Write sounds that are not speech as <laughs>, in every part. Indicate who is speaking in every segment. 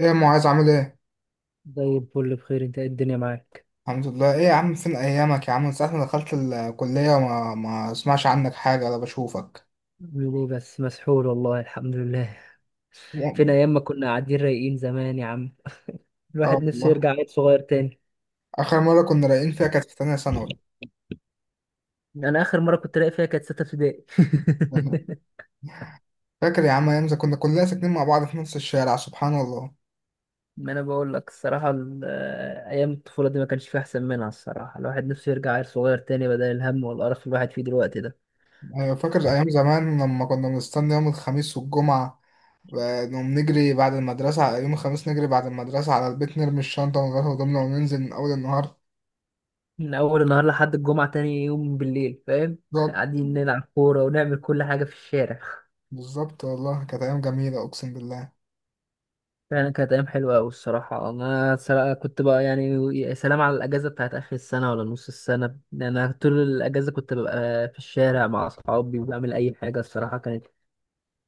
Speaker 1: ايه يا معاذ عامل ايه؟
Speaker 2: زي الفل، بخير. انت ايه الدنيا معاك؟
Speaker 1: الحمد لله، ايه يا عم، فين ايامك يا عم؟ من ساعة ما دخلت الكلية وما ما اسمعش عنك حاجة ولا بشوفك.
Speaker 2: عامل ايه بس مسحول والله. الحمد لله.
Speaker 1: <laughs>
Speaker 2: فين
Speaker 1: يا-
Speaker 2: ايام ما كنا قاعدين رايقين زمان يا عم.
Speaker 1: اه
Speaker 2: الواحد نفسه
Speaker 1: والله.
Speaker 2: يرجع عيل صغير تاني.
Speaker 1: اخر مرة كنا رايقين فيها كانت في تانية ثانوي.
Speaker 2: انا اخر مره كنت رايق فيها كانت سته ابتدائي.
Speaker 1: <laughs>
Speaker 2: <laughs>
Speaker 1: فاكر يا عم ايام زمان كنا كلنا ساكنين مع بعض في نفس الشارع؟ سبحان الله.
Speaker 2: ما انا بقول لك الصراحه. ايام الطفوله دي ما كانش فيها احسن منها الصراحه. الواحد نفسه يرجع عيل صغير تاني بدل الهم والقرف اللي الواحد فيه دلوقتي ده.
Speaker 1: ايوه فاكر ايام زمان لما كنا بنستنى يوم الخميس والجمعة، نقوم نجري بعد المدرسة يوم الخميس، نجري بعد المدرسة على البيت، نرمي الشنطة ونغير هدومنا وننزل من أول النهار.
Speaker 2: من اول النهار لحد الجمعه تاني يوم بالليل، فاهم؟ <laughs>
Speaker 1: بالظبط،
Speaker 2: قاعدين نلعب كوره ونعمل كل حاجه في الشارع.
Speaker 1: بالظبط والله كانت أيام جميلة، أقسم
Speaker 2: فعلا كانت أيام حلوة أوي الصراحة. كنت بقى يعني، يا سلام على الأجازة بتاعت آخر السنة ولا نص السنة. أنا طول الأجازة كنت ببقى في الشارع مع أصحابي وبعمل أي حاجة الصراحة. كانت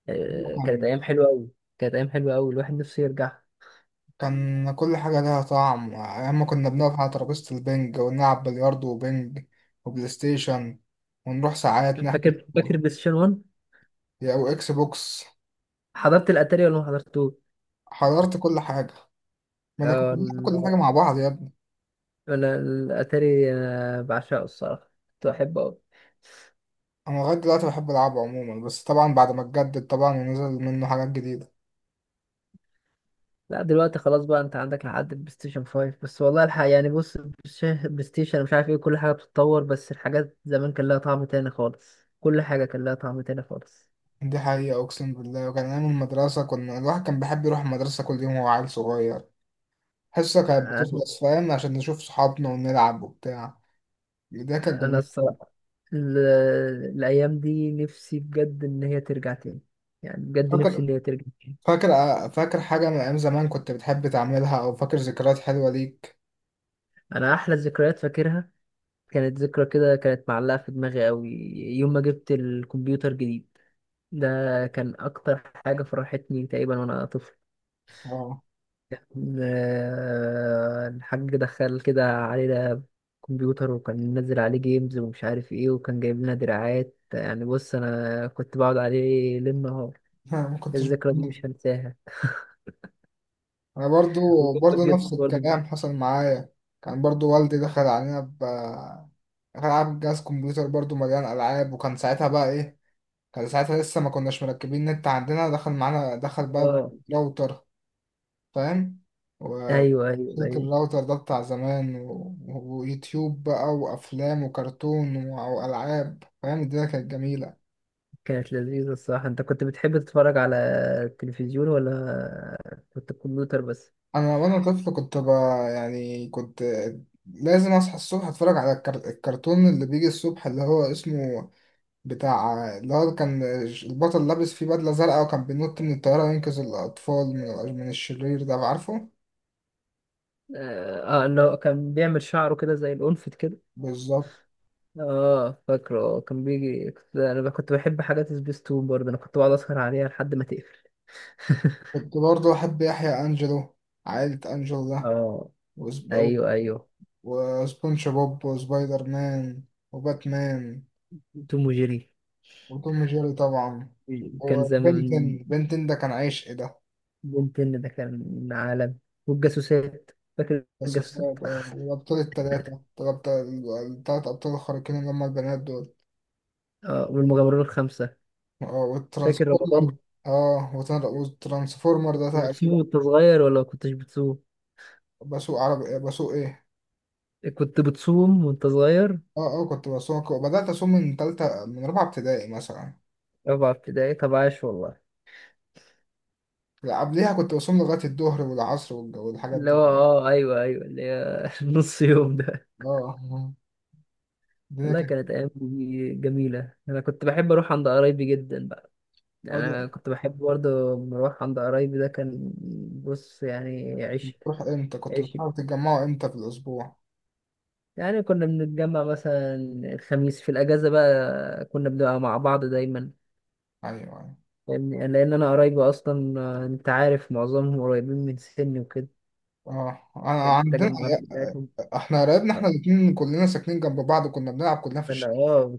Speaker 2: آه، كانت
Speaker 1: بالله.
Speaker 2: أيام حلوة أوي. كانت أيام حلوة أوي الواحد نفسه يرجع.
Speaker 1: كان كل حاجة ليها طعم. أيام ما كنا بنقعد على ترابيزة البنج ونلعب بلياردو وبنج وبلاي ستيشن، ونروح ساعات نحجز،
Speaker 2: فاكر بلاي ستيشن 1.
Speaker 1: يا أو إكس بوكس.
Speaker 2: حضرت الأتاري ولا ما حضرتوش؟
Speaker 1: حضرت كل حاجة. ما أنا كنت
Speaker 2: آه،
Speaker 1: بنلعب كل
Speaker 2: ال-
Speaker 1: حاجة مع بعض يا ابني.
Speaker 2: أنا الأتاري، أنا بعشقه الصراحة، كنت بحبه أوي.
Speaker 1: أنا لغاية دلوقتي بحب ألعبه عموما، بس طبعا بعد ما اتجدد طبعا ونزل منه حاجات جديدة.
Speaker 2: لا دلوقتي خلاص بقى، انت عندك لحد البلاي ستيشن 5 بس. والله الحق يعني، بص البلاي ستيشن مش عارف ايه، كل حاجه بتتطور، بس الحاجات زمان كان لها طعم تاني خالص. كل حاجه كان لها طعم تاني خالص.
Speaker 1: دي حقيقة أقسم بالله. وكان أيام المدرسة، كنا الواحد كان بيحب يروح المدرسة كل يوم وهو عيل صغير. حصة كانت
Speaker 2: انا
Speaker 1: بتخلص، فاهم، عشان نشوف صحابنا ونلعب وبتاع. ده كان
Speaker 2: أنا
Speaker 1: جميل.
Speaker 2: الصراحه ال- الايام دي نفسي بجد ان هي ترجع تاني. يعني بجد نفسي
Speaker 1: فاكر
Speaker 2: ان هي ترجع تاني.
Speaker 1: فاكر حاجة من أيام زمان كنت بتحب تعملها؟ أو فاكر ذكريات حلوة ليك؟
Speaker 2: انا احلى ذكريات فاكرها، كانت ذكرى كده كانت معلقه في دماغي قوي. يوم ما جبت الكمبيوتر جديد، ده كان اكتر حاجه فرحتني تقريبا وانا طفل.
Speaker 1: اه.
Speaker 2: الحاج دخل كده علينا كمبيوتر، وكان منزل عليه جيمز ومش عارف ايه، وكان جايب لنا دراعات. يعني بص انا كنت بقعد عليه ليل نهار.
Speaker 1: <laughs> أنا ما كنتش. <laughs>
Speaker 2: الذكرى دي مش هنساها،
Speaker 1: أنا برضو.
Speaker 2: وجنبك
Speaker 1: برضو
Speaker 2: جدا
Speaker 1: نفس
Speaker 2: برضه.
Speaker 1: الكلام حصل معايا. كان برضو والدي دخل علينا ب دخل علينا بجهاز كمبيوتر برضو مليان ألعاب، وكان ساعتها بقى إيه، كان ساعتها لسه ما كناش مركبين نت عندنا. دخل معانا، دخل بقى
Speaker 2: اه،
Speaker 1: راوتر، فاهم؟ و-
Speaker 2: ايوه ايوه
Speaker 1: سلك
Speaker 2: ايوه.
Speaker 1: الراوتر ده بتاع زمان ويوتيوب بقى وأفلام وكرتون وألعاب، فاهم، الدنيا كانت جميلة.
Speaker 2: كانت لذيذة الصراحة. انت كنت بتحب تتفرج على التلفزيون ولا كنت الكمبيوتر بس؟
Speaker 1: انا وانا طفل يعني كنت لازم اصحى الصبح اتفرج على الكرتون اللي بيجي الصبح، اللي هو اسمه بتاع، اللي هو كان البطل لابس فيه بدلة زرقاء، وكان بينط من الطيارة ينقذ الأطفال من الشرير ده، عارفه؟
Speaker 2: اه، اللي هو كان بيعمل شعره كده زي الأنفت.
Speaker 1: بالظبط.
Speaker 2: اه فاكره. كان بيجي، انا كنت بحب حاجات سبيستون برضه. انا كنت بقعد اسهر عليها لحد ما تقفل. <laughs>
Speaker 1: كنت برضه أحب يحيى أنجلو، عائلة أنجلو ده.
Speaker 2: اه
Speaker 1: وسب...
Speaker 2: ايوه ايوه.
Speaker 1: وسبونج بوب وسبايدر مان وباتمان،
Speaker 2: توم وجيري.
Speaker 1: وتوم جيري طبعا.
Speaker 2: كان زمان
Speaker 1: وبنتن ده كان عشق ده.
Speaker 2: بنتن ده كان عالم، والجاسوسات. فاكر
Speaker 1: بس
Speaker 2: الجاسوسات؟
Speaker 1: بسبب اه، والأبطال التلاتة، الأبطال التلات أبطال الخارقين اللي هما البنات دول.
Speaker 2: اه، والمغامرون الخمسة.
Speaker 1: اه
Speaker 2: فاكر
Speaker 1: والترانسفورمر.
Speaker 2: رمضان،
Speaker 1: اه والترانسفورمر ده
Speaker 2: وبتصوم
Speaker 1: تقريبا.
Speaker 2: وانت صغير ولا ما كنتش بتصوم؟
Speaker 1: بسوق عربي، آه، بسوق ايه.
Speaker 2: كنت بتصوم وانت صغير؟
Speaker 1: اه، اه، كنت بسوق. بدأت أصوم من تالتة، من رابعة ابتدائي مثلا.
Speaker 2: رابعة ابتدائي، طب عاش والله.
Speaker 1: لا، قبليها كنت بصوم لغاية الظهر والعصر والحاجات
Speaker 2: اللي هو
Speaker 1: دي.
Speaker 2: اه ايوه ايوه، اللي هي <laughs> نص يوم ده.
Speaker 1: اه. الدنيا
Speaker 2: والله
Speaker 1: كانت،
Speaker 2: كانت أيام دي جميلة. أنا كنت بحب أروح عند قرايبي جدا بقى.
Speaker 1: اه،
Speaker 2: يعني
Speaker 1: ده.
Speaker 2: أنا كنت بحب برضه لما أروح عند قرايبي. ده كان بص يعني عشق
Speaker 1: بتروح امتى؟ كنت
Speaker 2: عشق.
Speaker 1: بتروحوا تتجمعوا امتى في الأسبوع؟
Speaker 2: يعني كنا بنتجمع مثلا الخميس في الأجازة بقى، كنا بنبقى مع بعض دايما.
Speaker 1: أيوه، أيوه.
Speaker 2: فاهمني؟ لأن أنا قرايبي أصلا، أنت عارف معظمهم قريبين من سني وكده.
Speaker 1: اه، انا
Speaker 2: كانت
Speaker 1: عندنا،
Speaker 2: التجمعات بتاعتهم.
Speaker 1: احنا قرايبنا احنا الاتنين كلنا ساكنين جنب بعض، وكنا بنلعب كلنا في
Speaker 2: أنا
Speaker 1: الشارع.
Speaker 2: آه،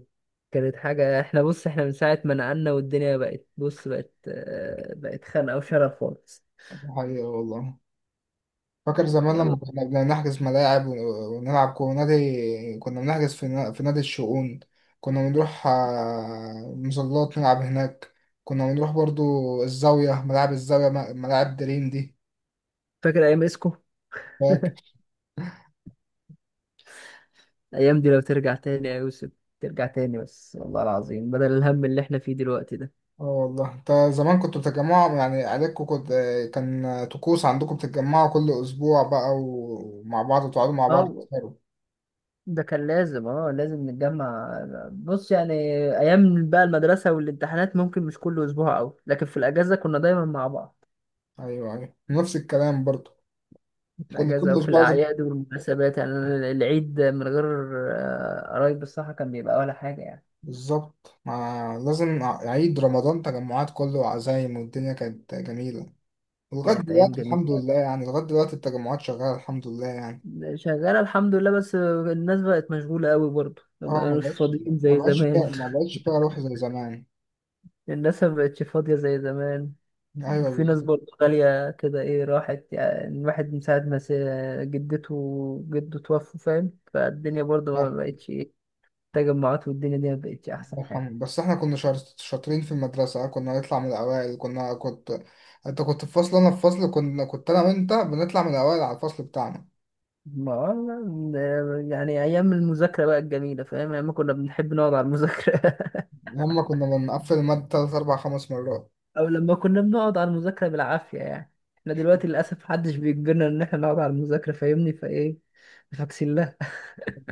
Speaker 2: كانت حاجة. احنا بص، احنا من ساعة ما نقلنا والدنيا بقت، بص بقت خانقة وشرف خالص.
Speaker 1: دي حقيقة والله. فاكر زمان
Speaker 2: يلا،
Speaker 1: لما كنا بنحجز ملاعب ونلعب كورة نادي، كنا بنحجز في في نادي الشؤون. كنا بنروح آه، مظلات، نلعب هناك. كنا بنروح برضو الزاوية، ملاعب الزاوية، ملاعب دريم دي.
Speaker 2: فاكر ايام اسكو؟
Speaker 1: فاكر.
Speaker 2: <laughs> الايام دي لو ترجع تاني يا يوسف، ترجع تاني بس، والله العظيم، بدل الهم اللي احنا فيه دلوقتي ده.
Speaker 1: اه والله، انت زمان كنتوا بتتجمعوا يعني عيلتكم، كنت كان طقوس عندكم بتتجمعوا كل أسبوع بقى ومع بعض وتقعدوا مع بعض
Speaker 2: اه،
Speaker 1: تسهروا.
Speaker 2: ده كان لازم. اه لازم نتجمع. بص يعني ايام بقى المدرسه والامتحانات ممكن مش كل اسبوع او، لكن في الاجازه كنا دايما مع بعض.
Speaker 1: أيوه أيوه، نفس الكلام برضو.
Speaker 2: في
Speaker 1: كنا كل
Speaker 2: الاجازه وفي
Speaker 1: أسبوع لازم.
Speaker 2: الاعياد والمناسبات. يعني أنا العيد من غير قرايب الصحه كان بيبقى ولا حاجه يعني.
Speaker 1: بالظبط. ما لازم عيد، رمضان، تجمعات كله وعزايم، والدنيا كانت جميلة. ولغاية
Speaker 2: كانت ايام
Speaker 1: دلوقتي الحمد
Speaker 2: جميله.
Speaker 1: لله، يعني لغاية دلوقتي التجمعات شغالة الحمد لله يعني.
Speaker 2: شغاله الحمد لله، بس الناس بقت مشغوله قوي برضه، ما
Speaker 1: اه، ما
Speaker 2: بقوش
Speaker 1: بقتش.
Speaker 2: فاضيين
Speaker 1: ما
Speaker 2: زي
Speaker 1: بقتش فيها،
Speaker 2: زمان.
Speaker 1: ما
Speaker 2: <laughs>
Speaker 1: بقتش فيها روح زي زمان.
Speaker 2: الناس ما بقتش فاضية زي زمان.
Speaker 1: ايوه
Speaker 2: وفي ناس
Speaker 1: بالظبط.
Speaker 2: برضه غالية كده ايه راحت. يعني الواحد من ساعة ما جدته وجده توفوا، فاهم، فالدنيا برضه
Speaker 1: آه،
Speaker 2: ما بقتش ايه. التجمعات والدنيا دي ما بقتش
Speaker 1: الله
Speaker 2: أحسن حاجة.
Speaker 1: يرحمه. بس احنا كنا شاطرين في المدرسة، كنا نطلع من الأوائل. كنا كنت انت كنت في فصل انا في فصل، كنا كنت انا وانت بنطلع من الأوائل على الفصل بتاعنا.
Speaker 2: ما والله، يعني أيام المذاكرة بقى الجميلة، فاهم، أيام ما كنا بنحب نقعد على المذاكرة. <laughs>
Speaker 1: لما كنا بنقفل المادة تلات أربع خمس مرات.
Speaker 2: أو لما كنا بنقعد على المذاكرة بالعافية يعني. احنا دلوقتي للأسف محدش بيجبرنا إن احنا نقعد على المذاكرة، فاهمني، فايه فاكسين لها.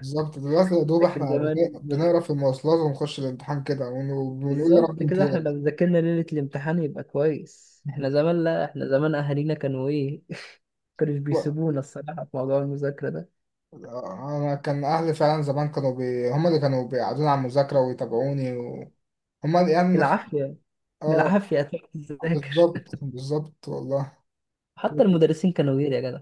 Speaker 1: بالظبط، دلوقتي يا دوب
Speaker 2: لكن
Speaker 1: احنا
Speaker 2: زمان
Speaker 1: بنقرا في المواصلات ونخش الامتحان كده ونقول يا رب
Speaker 2: بالظبط كده، احنا
Speaker 1: امتياز.
Speaker 2: لو ذاكرنا ليلة الامتحان يبقى كويس. احنا
Speaker 1: <laughs>
Speaker 2: زمان لا، احنا زمان اهالينا كانوا ايه. <laughs> كانوا
Speaker 1: و-
Speaker 2: بيسيبونا الصراحة في موضوع المذاكرة ده.
Speaker 1: انا كان اهلي فعلا زمان هم اللي كانوا بيقعدوني على المذاكره ويتابعوني هم اللي يعني
Speaker 2: بالعافية،
Speaker 1: اه.
Speaker 2: بالعافية هتروح تذاكر.
Speaker 1: بالظبط، بالظبط والله.
Speaker 2: <laughs> حتى المدرسين كانوا غير يا جدع.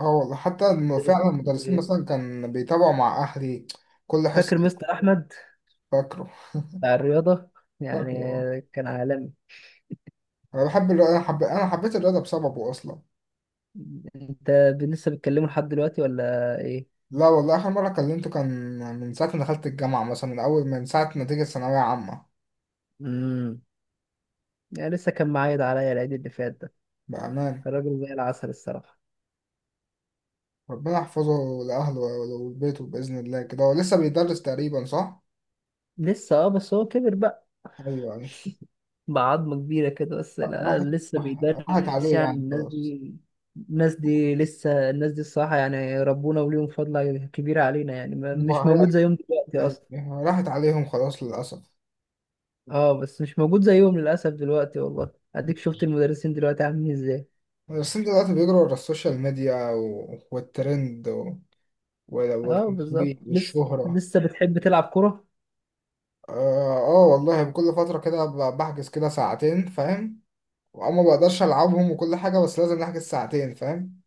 Speaker 1: اه والله، حتى فعلا
Speaker 2: المدرسين كانوا
Speaker 1: المدرسين
Speaker 2: غير.
Speaker 1: مثلا كان بيتابعوا مع اهلي كل
Speaker 2: فاكر
Speaker 1: حصه.
Speaker 2: مستر احمد
Speaker 1: فاكره،
Speaker 2: بتاع الرياضة؟ يعني
Speaker 1: فاكره اه.
Speaker 2: كان عالمي.
Speaker 1: انا بحب الرياضه، انا انا حبيت الرياضه بسببه اصلا.
Speaker 2: انت لسه بتكلمه لحد دلوقتي ولا ايه؟
Speaker 1: لا والله، آخر مرة كلمته كان من ساعة ما دخلت الجامعة مثلا، من أول من ساعة نتيجة ثانوية عامة.
Speaker 2: امم يعني لسه كان معايد عليا العيد اللي فات ده.
Speaker 1: بأمان.
Speaker 2: كان راجل زي العسل الصراحة.
Speaker 1: ربنا يحفظه لأهله ولبيته بإذن الله. كده هو لسه بيدرس تقريبا، صح؟
Speaker 2: لسه اه، بس هو كبر بقى
Speaker 1: أيوه أيوه.
Speaker 2: بعظمة كبيرة كده. بس لا
Speaker 1: راحت،
Speaker 2: لسه
Speaker 1: راحت
Speaker 2: بيدرس.
Speaker 1: عليه
Speaker 2: يعني
Speaker 1: يعني
Speaker 2: الناس
Speaker 1: خلاص.
Speaker 2: دي، الناس دي لسه الناس دي الصراحة، يعني ربنا وليهم فضل كبير علينا يعني، مش
Speaker 1: وهي-
Speaker 2: موجود زيهم دلوقتي أصلا.
Speaker 1: راحت عليهم خلاص للأسف.
Speaker 2: اه، بس مش موجود زيهم للأسف دلوقتي والله. أديك شفت المدرسين دلوقتي عاملين ازاي.
Speaker 1: المدرسين دلوقتي بيجروا ورا السوشيال ميديا والترند
Speaker 2: اه
Speaker 1: والتسويق
Speaker 2: بالظبط. لسه
Speaker 1: والشهرة.
Speaker 2: لسه بتحب تلعب كرة؟
Speaker 1: آه, آه والله، بكل فترة كده بحجز كده ساعتين، فاهم، وأما بقدرش ألعبهم وكل حاجة، بس لازم نحجز ساعتين فاهم.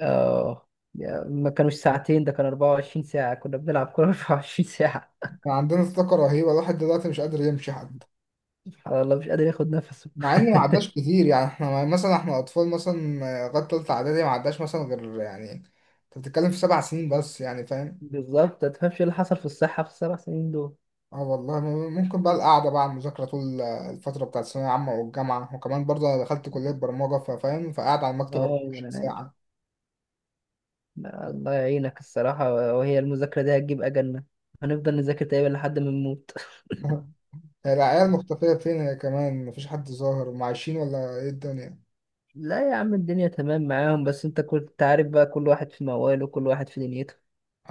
Speaker 2: اه ما كانوش ساعتين، ده كان 24 ساعة كنا بنلعب كرة. <laughs> 24 ساعة.
Speaker 1: فعندنا طاقة رهيبة، الواحد دلوقتي مش قادر يمشي حتى.
Speaker 2: سبحان الله، مش قادر ياخد نفسه.
Speaker 1: مع إنه ما عداش
Speaker 2: <laughs>
Speaker 1: كتير يعني، إحنا مثلا إحنا أطفال مثلا آه، لغاية تالتة إعدادي ما عداش مثلا، غير يعني أنت بتتكلم في سبع سنين بس يعني فاهم.
Speaker 2: بالظبط. ما تفهمش ايه اللي حصل في الصحة في السبع سنين دول.
Speaker 1: اه والله، ممكن بقى القعدة بقى على المذاكرة طول آه، الفترة بتاعت الثانوية العامة والجامعة، وكمان برضه أنا دخلت كلية برمجة فاهم، فقاعد على المكتب
Speaker 2: اه ما
Speaker 1: 24
Speaker 2: انا عارف.
Speaker 1: ساعة.
Speaker 2: لا، الله يعينك الصراحة. وهي المذاكرة دي هتجيب أجلنا، هنفضل نذاكر تقريبا لحد ما نموت.
Speaker 1: <laughs> هي العيال مختفية فين؟ هي كمان مفيش حد ظاهر، هم عايشين ولا إيه الدنيا؟
Speaker 2: <laughs> لا يا عم، الدنيا تمام معاهم، بس انت كنت عارف بقى، كل واحد في مواله، كل واحد في دنيته.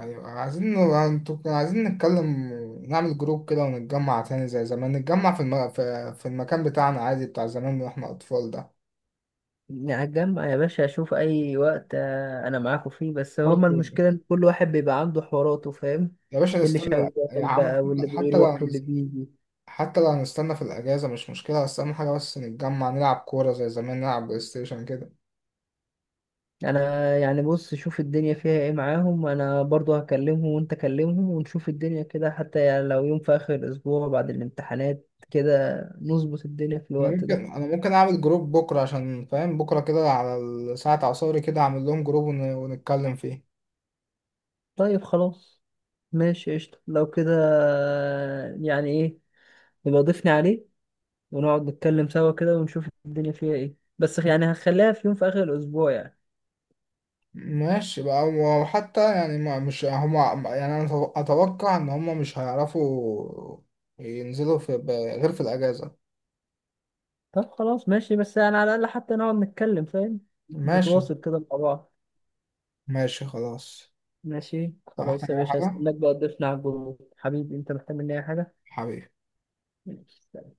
Speaker 1: أيوة، عايزين، انتوا كنا عايزين نتكلم نعمل جروب كده ونتجمع تاني زي زمان، نتجمع في المكان بتاعنا عادي، بتاع زمان واحنا أطفال ده.
Speaker 2: يعني هتجمع يا باشا اشوف اي وقت، انا معاكم فيه. بس
Speaker 1: برضه
Speaker 2: هما المشكلة ان كل واحد بيبقى عنده حواراته، فاهم؟
Speaker 1: يا باشا،
Speaker 2: اللي
Speaker 1: نستنى
Speaker 2: شغال
Speaker 1: يا عم.
Speaker 2: بقى، واللي
Speaker 1: حتى لو،
Speaker 2: بيروح، واللي بيجي.
Speaker 1: حتى لو هنستنى في الأجازة مش مشكلة، بس أهم حاجة بس نتجمع نلعب كورة زي زمان، نلعب بلاي ستيشن كده.
Speaker 2: انا يعني بص، شوف الدنيا فيها ايه معاهم. انا برضو هكلمهم وانت كلمهم ونشوف الدنيا كده. حتى يعني لو يوم في اخر الاسبوع بعد الامتحانات كده نظبط الدنيا في
Speaker 1: أنا
Speaker 2: الوقت
Speaker 1: ممكن
Speaker 2: ده.
Speaker 1: أنا ممكن أعمل جروب بكرة، عشان فاهم بكرة كده على ساعة عصاري كده أعمل لهم جروب ونتكلم فيه.
Speaker 2: طيب خلاص ماشي، قشطة لو كده. يعني ايه، يبقى ضيفني عليه ونقعد نتكلم سوا كده ونشوف الدنيا فيها ايه. بس يعني هخليها في يوم في اخر الاسبوع يعني.
Speaker 1: ماشي بقى. وحتى يعني، ما مش هما يعني، أنا أتوقع إن هما مش هيعرفوا ينزلوا في غير في الأجازة.
Speaker 2: طب خلاص ماشي، بس يعني على الاقل حتى نقعد نتكلم، فاهم،
Speaker 1: ماشي.
Speaker 2: نتواصل كده مع بعض.
Speaker 1: ماشي خلاص.
Speaker 2: ماشي خلاص
Speaker 1: محتاج
Speaker 2: يا
Speaker 1: أي
Speaker 2: باشا،
Speaker 1: حاجة
Speaker 2: هستناك بقى تضيفنا على الجروب. حبيبي، انت محتاج مني اي
Speaker 1: حبيبي؟
Speaker 2: حاجة؟